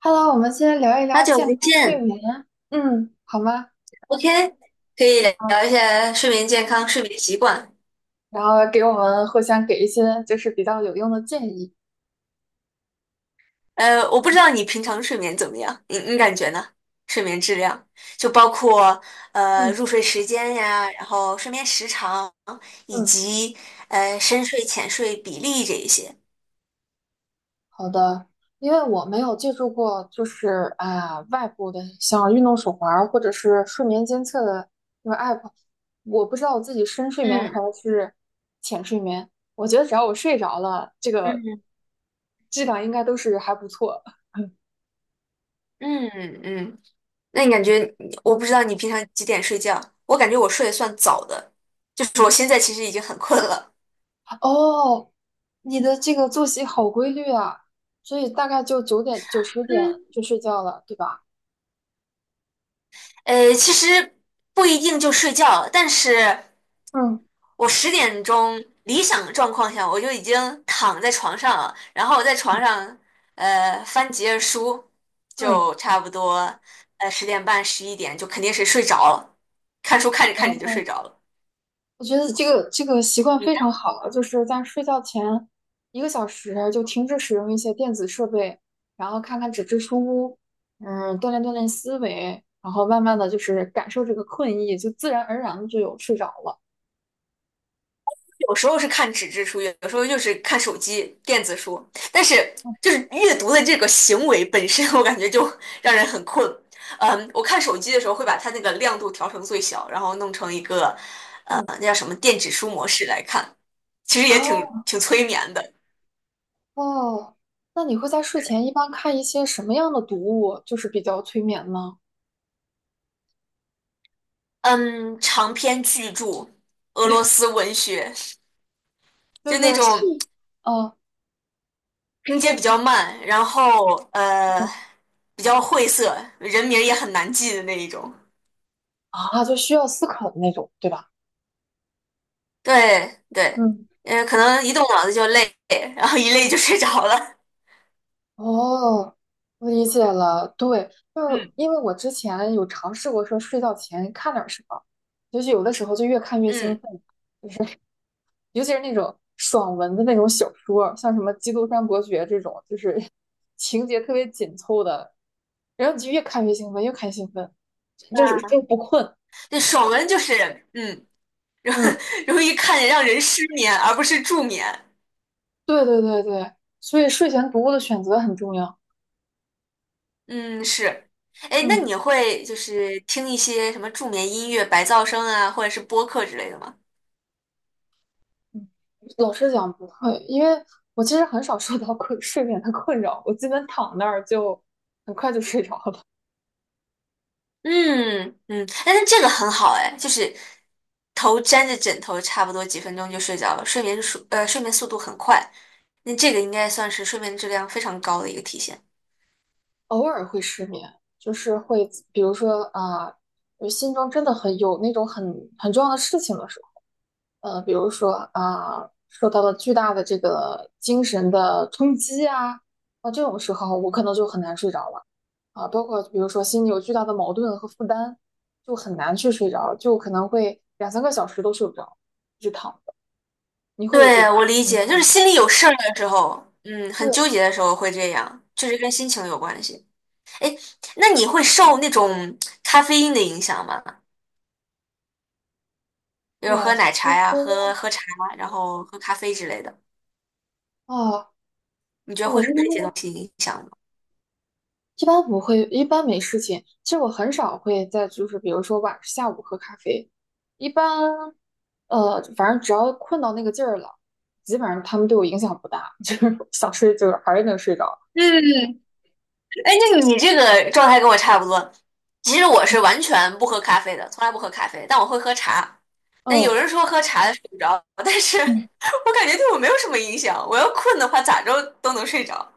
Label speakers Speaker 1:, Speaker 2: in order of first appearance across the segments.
Speaker 1: Hello，我们先聊一
Speaker 2: 好
Speaker 1: 聊
Speaker 2: 久
Speaker 1: 健
Speaker 2: 不
Speaker 1: 康睡
Speaker 2: 见
Speaker 1: 眠，嗯，好吗？
Speaker 2: ，OK，可以
Speaker 1: 好，
Speaker 2: 聊一下睡眠健康、睡眠习惯。
Speaker 1: 然后给我们互相给一些就是比较有用的建议。
Speaker 2: 我不知道你平常睡眠怎么样，你感觉呢？睡眠质量就包括
Speaker 1: 嗯
Speaker 2: 入睡时间呀，然后睡眠时长，以
Speaker 1: 嗯，
Speaker 2: 及深睡浅睡比例这一些。
Speaker 1: 好的，因为我没有借助过就是啊、外部的像运动手环儿或者是睡眠监测的那个 app，我不知道我自己深睡眠还
Speaker 2: 嗯
Speaker 1: 是浅睡眠。我觉得只要我睡着了，这个
Speaker 2: 嗯
Speaker 1: 质量应该都是还不错。
Speaker 2: 嗯嗯，那你感
Speaker 1: 对，
Speaker 2: 觉我不知道你平常几点睡觉，我感觉我睡得算早的，就是我现
Speaker 1: 嗯。
Speaker 2: 在其实已经很困了。
Speaker 1: 哦，你的这个作息好规律啊，所以大概就九点九十点
Speaker 2: 嗯。
Speaker 1: 就睡觉了，对吧？
Speaker 2: 其实不一定就睡觉，但是
Speaker 1: 嗯
Speaker 2: 我10点钟理想状况下我就已经躺在床上了，然后我在床上翻几页书，
Speaker 1: 嗯，
Speaker 2: 就差不多10点半11点就肯定是睡着了，看书看着看着就睡着了。
Speaker 1: 我觉得这个习惯非常好，就是在睡觉前1个小时就停止使用一些电子设备，然后看看纸质书，嗯，锻炼锻炼思维，然后慢慢的就是感受这个困意，就自然而然的就有睡着了。
Speaker 2: 有时候是看纸质书，有时候就是看手机电子书，但是
Speaker 1: 嗯
Speaker 2: 就是阅读的这个行为本身，我感觉就让人很困。嗯，我看手机的时候会把它那个亮度调成最小，然后弄成一个
Speaker 1: 嗯，
Speaker 2: 那叫什么电子书模式来看，其实也挺催眠的。
Speaker 1: 哦，那你会在睡前一般看一些什么样的读物，就是比较催眠呢？
Speaker 2: 嗯，长篇巨著，俄罗斯文学，
Speaker 1: 就
Speaker 2: 就那
Speaker 1: 是
Speaker 2: 种
Speaker 1: 细啊，
Speaker 2: 拼接比
Speaker 1: 是，
Speaker 2: 较慢，然后
Speaker 1: 嗯
Speaker 2: 比较晦涩，人名儿也很难记的那一种。
Speaker 1: 啊，就需要思考的那种，对吧？
Speaker 2: 对对，
Speaker 1: 嗯，
Speaker 2: 嗯，可能一动脑子就累，然后一累就睡着了。
Speaker 1: 哦，我理解了。对，就是
Speaker 2: 嗯，
Speaker 1: 因为我之前有尝试过说睡觉前看点儿什么，就是有的时候就越看越兴
Speaker 2: 嗯，
Speaker 1: 奋，尤其是那种爽文的那种小说像什么《基督山伯爵》这种，就是 情节特别紧凑的，然后你就越看越兴奋，越看越兴奋，就是
Speaker 2: 啊，
Speaker 1: 就不困。
Speaker 2: 那爽文就是容
Speaker 1: 嗯，
Speaker 2: 容易看着让人失眠，而不是助眠。
Speaker 1: 对对对对，所以睡前读物的选择很重要。
Speaker 2: 嗯，是。哎，那
Speaker 1: 嗯。
Speaker 2: 你会就是听一些什么助眠音乐、白噪声啊，或者是播客之类的吗？
Speaker 1: 嗯，老实讲不会，因为我其实很少受到困 睡眠的困扰，我基本躺那儿就很快就睡着了。
Speaker 2: 嗯嗯，但那这个很好哎，就是头沾着枕头，差不多几分钟就睡着了，睡眠速度很快，那这个应该算是睡眠质量非常高的一个体现。
Speaker 1: 偶尔会失眠，就是会，比如说啊，心中真的很有那种很重要的事情的时候，呃，比如说啊，受到了巨大的这个精神的冲击啊，那这种时候我可能就很难睡着了啊，包括比如说心里有巨大的矛盾和负担，就很难去睡着，就可能会两三个小时都睡不着，一直躺。你会有这个
Speaker 2: 对，我理
Speaker 1: 情
Speaker 2: 解，就
Speaker 1: 况
Speaker 2: 是
Speaker 1: 吗？
Speaker 2: 心里有事儿的时候，很纠
Speaker 1: 对，
Speaker 2: 结的时候会这样，确实跟心情有关系。那你会受那种咖啡因的影响吗？就是
Speaker 1: 我
Speaker 2: 喝奶
Speaker 1: 其
Speaker 2: 茶呀，
Speaker 1: 实
Speaker 2: 喝茶，然后喝咖啡之类的，
Speaker 1: 啊，
Speaker 2: 你觉得
Speaker 1: 我
Speaker 2: 会
Speaker 1: 一
Speaker 2: 受
Speaker 1: 般
Speaker 2: 这些东西影响吗？
Speaker 1: 一般不会，一般没事情。其实我很少会在就是比如说晚下午喝咖啡，一般反正只要困到那个劲儿了，基本上他们对我影响不大，就是想睡就是还是能睡着。
Speaker 2: 嗯，哎，那你这个状态跟我差不多。其实我是完全不喝咖啡的，从来不喝咖啡，但我会喝茶。那有
Speaker 1: 嗯
Speaker 2: 人说喝茶的睡不着，但是
Speaker 1: 嗯，
Speaker 2: 我感觉对我没有什么影响。我要困的话，咋着都能睡着。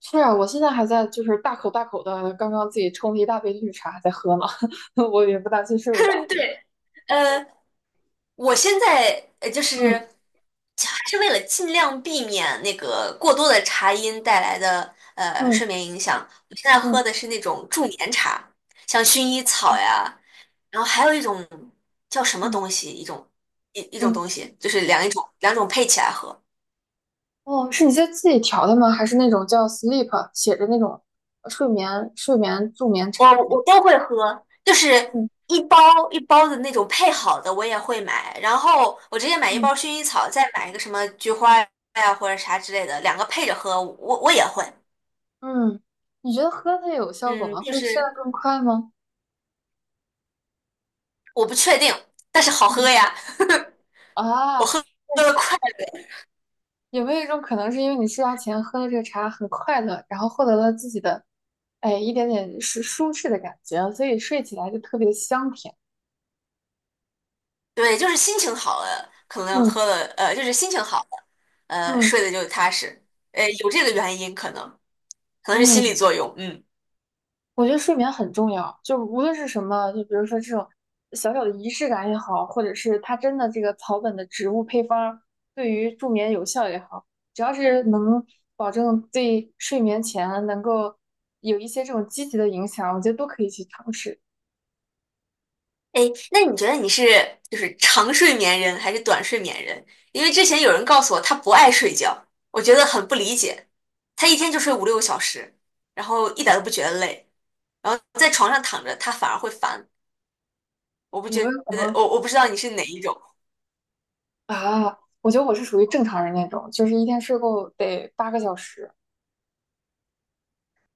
Speaker 1: 是啊，我现在还在就是大口大口的，刚刚自己冲了一大杯绿茶还在喝呢，我也不担心睡不着。
Speaker 2: 对，呃，我现在就是
Speaker 1: 嗯
Speaker 2: 还是为了尽量避免那个过多的茶因带来的睡
Speaker 1: 嗯
Speaker 2: 眠影响，我现在喝
Speaker 1: 嗯，
Speaker 2: 的是那种助眠茶，像薰衣草
Speaker 1: 哦，
Speaker 2: 呀，然后还有一种叫什么
Speaker 1: 嗯
Speaker 2: 东西，一种
Speaker 1: 嗯。
Speaker 2: 东西，就是一种两种配起来喝，
Speaker 1: 哦，是你在自己调的吗？还是那种叫 sleep 写着那种睡眠助眠茶？
Speaker 2: 我都会喝，就是
Speaker 1: 嗯
Speaker 2: 一包一包的那种配好的我也会买，然后我直接买一
Speaker 1: 嗯
Speaker 2: 包薰衣草，再买一个什么菊花呀或者啥之类的，两个配着喝，我也会。
Speaker 1: 嗯，你觉得喝它有效果
Speaker 2: 嗯，
Speaker 1: 吗？
Speaker 2: 就
Speaker 1: 会
Speaker 2: 是
Speaker 1: 睡得更快吗？
Speaker 2: 我不确定，但是好喝
Speaker 1: 嗯
Speaker 2: 呀，我
Speaker 1: 啊，
Speaker 2: 喝的快，
Speaker 1: 有没有一种可能是因为你睡觉前喝了这个茶很快乐，然后获得了自己的哎一点点是舒适的感觉，所以睡起来就特别的香甜？
Speaker 2: 对，就是心情好了，可能
Speaker 1: 嗯
Speaker 2: 喝了就是心情好了，
Speaker 1: 嗯
Speaker 2: 睡得就踏实，有这个原因可能是心理
Speaker 1: 嗯。
Speaker 2: 作用，嗯。
Speaker 1: 我觉得睡眠很重要，就无论是什么，就比如说这种小小的仪式感也好，或者是它真的这个草本的植物配方儿对于助眠有效也好，只要是能保证对睡眠前能够有一些这种积极的影响，我觉得都可以去尝试。
Speaker 2: 哎，那你觉得你是就是长睡眠人还是短睡眠人？因为之前有人告诉我他不爱睡觉，我觉得很不理解。他一天就睡5、6个小时，然后一点都不觉得累，然后在床上躺着他反而会烦。我不
Speaker 1: 有
Speaker 2: 觉
Speaker 1: 没有可
Speaker 2: 得，
Speaker 1: 能
Speaker 2: 我不知道你是哪一种。
Speaker 1: 啊？我觉得我是属于正常人那种，就是一天睡够得八个小时。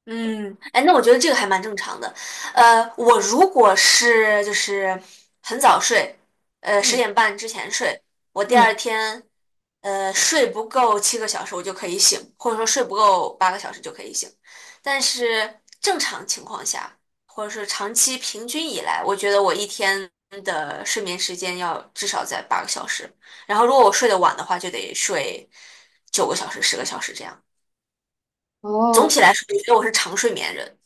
Speaker 2: 嗯，哎，那我觉得这个还蛮正常的。我如果是就是很早睡，十
Speaker 1: 嗯
Speaker 2: 点半之前睡，我第二
Speaker 1: 嗯，
Speaker 2: 天睡不够7个小时，我就可以醒，或者说睡不够八个小时就可以醒。但是正常情况下，或者是长期平均以来，我觉得我一天的睡眠时间要至少在八个小时。然后如果我睡得晚的话，就得睡9个小时、10个小时这样。总
Speaker 1: 哦，
Speaker 2: 体来说，我觉得我是长睡眠人。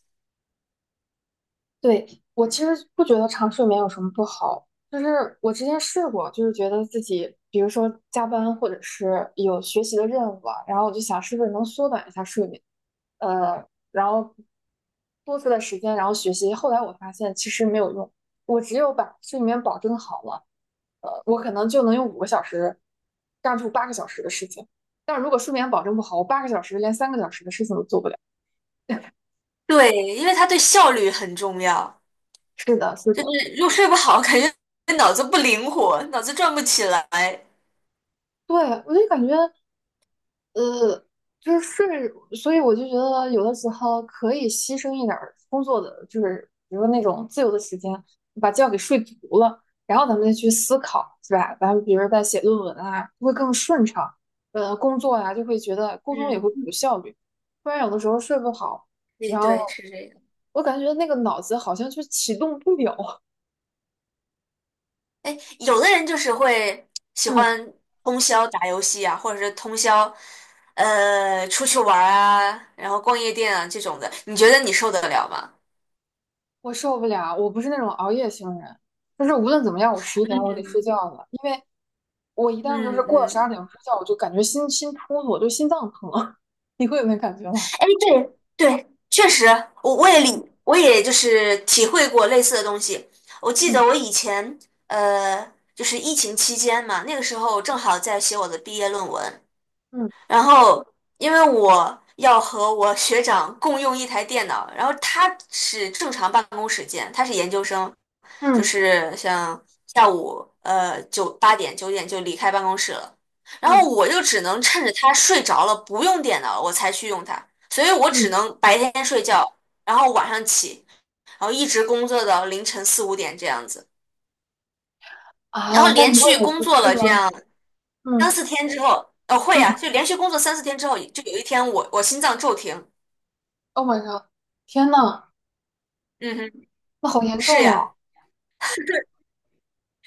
Speaker 1: 对，我其实不觉得长睡眠有什么不好，就是我之前试过，就是觉得自己，比如说加班或者是有学习的任务啊，然后我就想是不是能缩短一下睡眠，呃，然后多出的时间，然后学习。后来我发现其实没有用，我只有把睡眠保证好了，呃，我可能就能用5个小时干出八个小时的事情。但如果睡眠保证不好，我八个小时连三个小时的事情都做不了。
Speaker 2: 对，因为它对效率很重要，
Speaker 1: 是的，是
Speaker 2: 就
Speaker 1: 的。
Speaker 2: 是又睡不好，感觉脑子不灵活，脑子转不起来。
Speaker 1: 对，我就感觉。呃，就是睡，所以我就觉得有的时候可以牺牲一点儿工作的，就是比如说那种自由的时间，把觉给睡足了，然后咱们再去思考，是吧？咱们比如说在写论文啊，会更顺畅，工作呀、就会觉得沟通也
Speaker 2: 嗯，
Speaker 1: 会更有效率。不然有的时候睡不好，
Speaker 2: 对
Speaker 1: 然后
Speaker 2: 对，是这个。
Speaker 1: 我感觉那个脑子好像就启动不了，
Speaker 2: 哎，有的人就是会喜
Speaker 1: 嗯，
Speaker 2: 欢通宵打游戏啊，或者是通宵出去玩儿啊，然后逛夜店啊这种的，你觉得你受得了吗？
Speaker 1: 我受不了，我不是那种熬夜型人，但是无论怎么样，我十一点我得
Speaker 2: 嗯
Speaker 1: 睡觉了。我一旦就是
Speaker 2: 嗯
Speaker 1: 过了十二
Speaker 2: 嗯。
Speaker 1: 点睡觉，我就感觉心突突，我就心脏疼。你会有那感觉吗？
Speaker 2: 哎，对对，确实，我也就是体会过类似的东西。我记得
Speaker 1: 嗯
Speaker 2: 我以前就是疫情期间嘛，那个时候正好在写我的毕业论文，
Speaker 1: 嗯
Speaker 2: 然后因为我要和我学长共用一台电脑，然后他是正常办公时间，他是研究生，就
Speaker 1: 嗯
Speaker 2: 是像下午八点九点就离开办公室了，然后
Speaker 1: 嗯
Speaker 2: 我就只能趁着他睡着了不用电脑了我才去用它，所以我
Speaker 1: 嗯，
Speaker 2: 只能白天睡觉，然后晚上起，然后一直工作到凌晨4、5点这样子，然
Speaker 1: 啊，
Speaker 2: 后
Speaker 1: 那
Speaker 2: 连
Speaker 1: 你为
Speaker 2: 续
Speaker 1: 什么
Speaker 2: 工
Speaker 1: 不
Speaker 2: 作
Speaker 1: 吃
Speaker 2: 了
Speaker 1: 吗？
Speaker 2: 这样。三
Speaker 1: 嗯
Speaker 2: 四天之后，哦会呀、
Speaker 1: 嗯，
Speaker 2: 就连续工作三四天之后，就有一天我心脏骤停。
Speaker 1: o 晚上，天呐，
Speaker 2: 嗯哼，
Speaker 1: 那好严
Speaker 2: 是
Speaker 1: 重啊，
Speaker 2: 呀，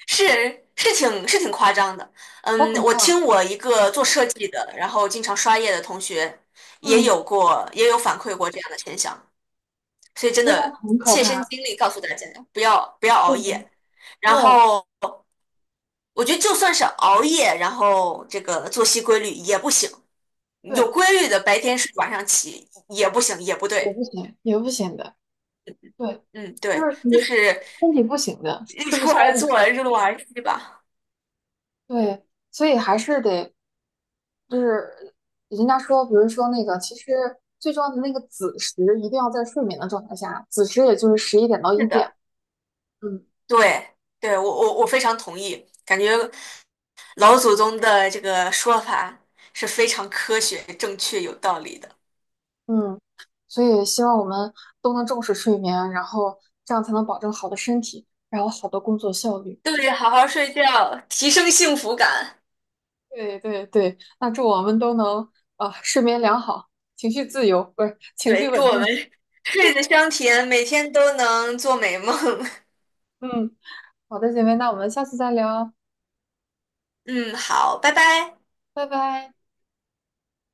Speaker 2: 是是挺是挺夸张的。
Speaker 1: 好
Speaker 2: 嗯，
Speaker 1: 可
Speaker 2: 我听
Speaker 1: 怕，
Speaker 2: 我一个做设计的，然后经常刷夜的同学也
Speaker 1: 嗯，
Speaker 2: 有过也有反馈过这样的现象，所以真
Speaker 1: 真的
Speaker 2: 的
Speaker 1: 很可
Speaker 2: 切身
Speaker 1: 怕。
Speaker 2: 经历告诉大家，不要不要熬
Speaker 1: 对，
Speaker 2: 夜。
Speaker 1: 对
Speaker 2: 然后我觉得就算是熬夜，然后这个作息规律也不行，有
Speaker 1: 对，
Speaker 2: 规律的白天睡晚上起也不行，也不
Speaker 1: 也
Speaker 2: 对。
Speaker 1: 不行，也不行的。对，
Speaker 2: 嗯，
Speaker 1: 就
Speaker 2: 对，
Speaker 1: 是你
Speaker 2: 就是
Speaker 1: 身体不行的，
Speaker 2: 日
Speaker 1: 吃不
Speaker 2: 出
Speaker 1: 消
Speaker 2: 而作，
Speaker 1: 的。
Speaker 2: 日落而息吧。
Speaker 1: 对，所以还是得就是人家说，比如说那个，其实最重要的那个子时一定要在睡眠的状态下，子时也就是十一点到
Speaker 2: 是
Speaker 1: 一点。
Speaker 2: 的，
Speaker 1: 嗯，
Speaker 2: 对，对，我非常同意，感觉老祖宗的这个说法是非常科学、正确、有道理的。
Speaker 1: 嗯，所以希望我们都能重视睡眠，然后这样才能保证好的身体，然后好的工作效率。
Speaker 2: 对，好好睡觉，提升幸福感。
Speaker 1: 对对对，那祝我们都能啊睡眠良好，情绪自由，不是情绪
Speaker 2: 对，祝
Speaker 1: 稳
Speaker 2: 我们
Speaker 1: 定。
Speaker 2: 睡得香甜，每天都能做美梦。
Speaker 1: 嗯，好的，姐妹，那我们下次再聊，
Speaker 2: 嗯，好，拜拜。
Speaker 1: 拜拜。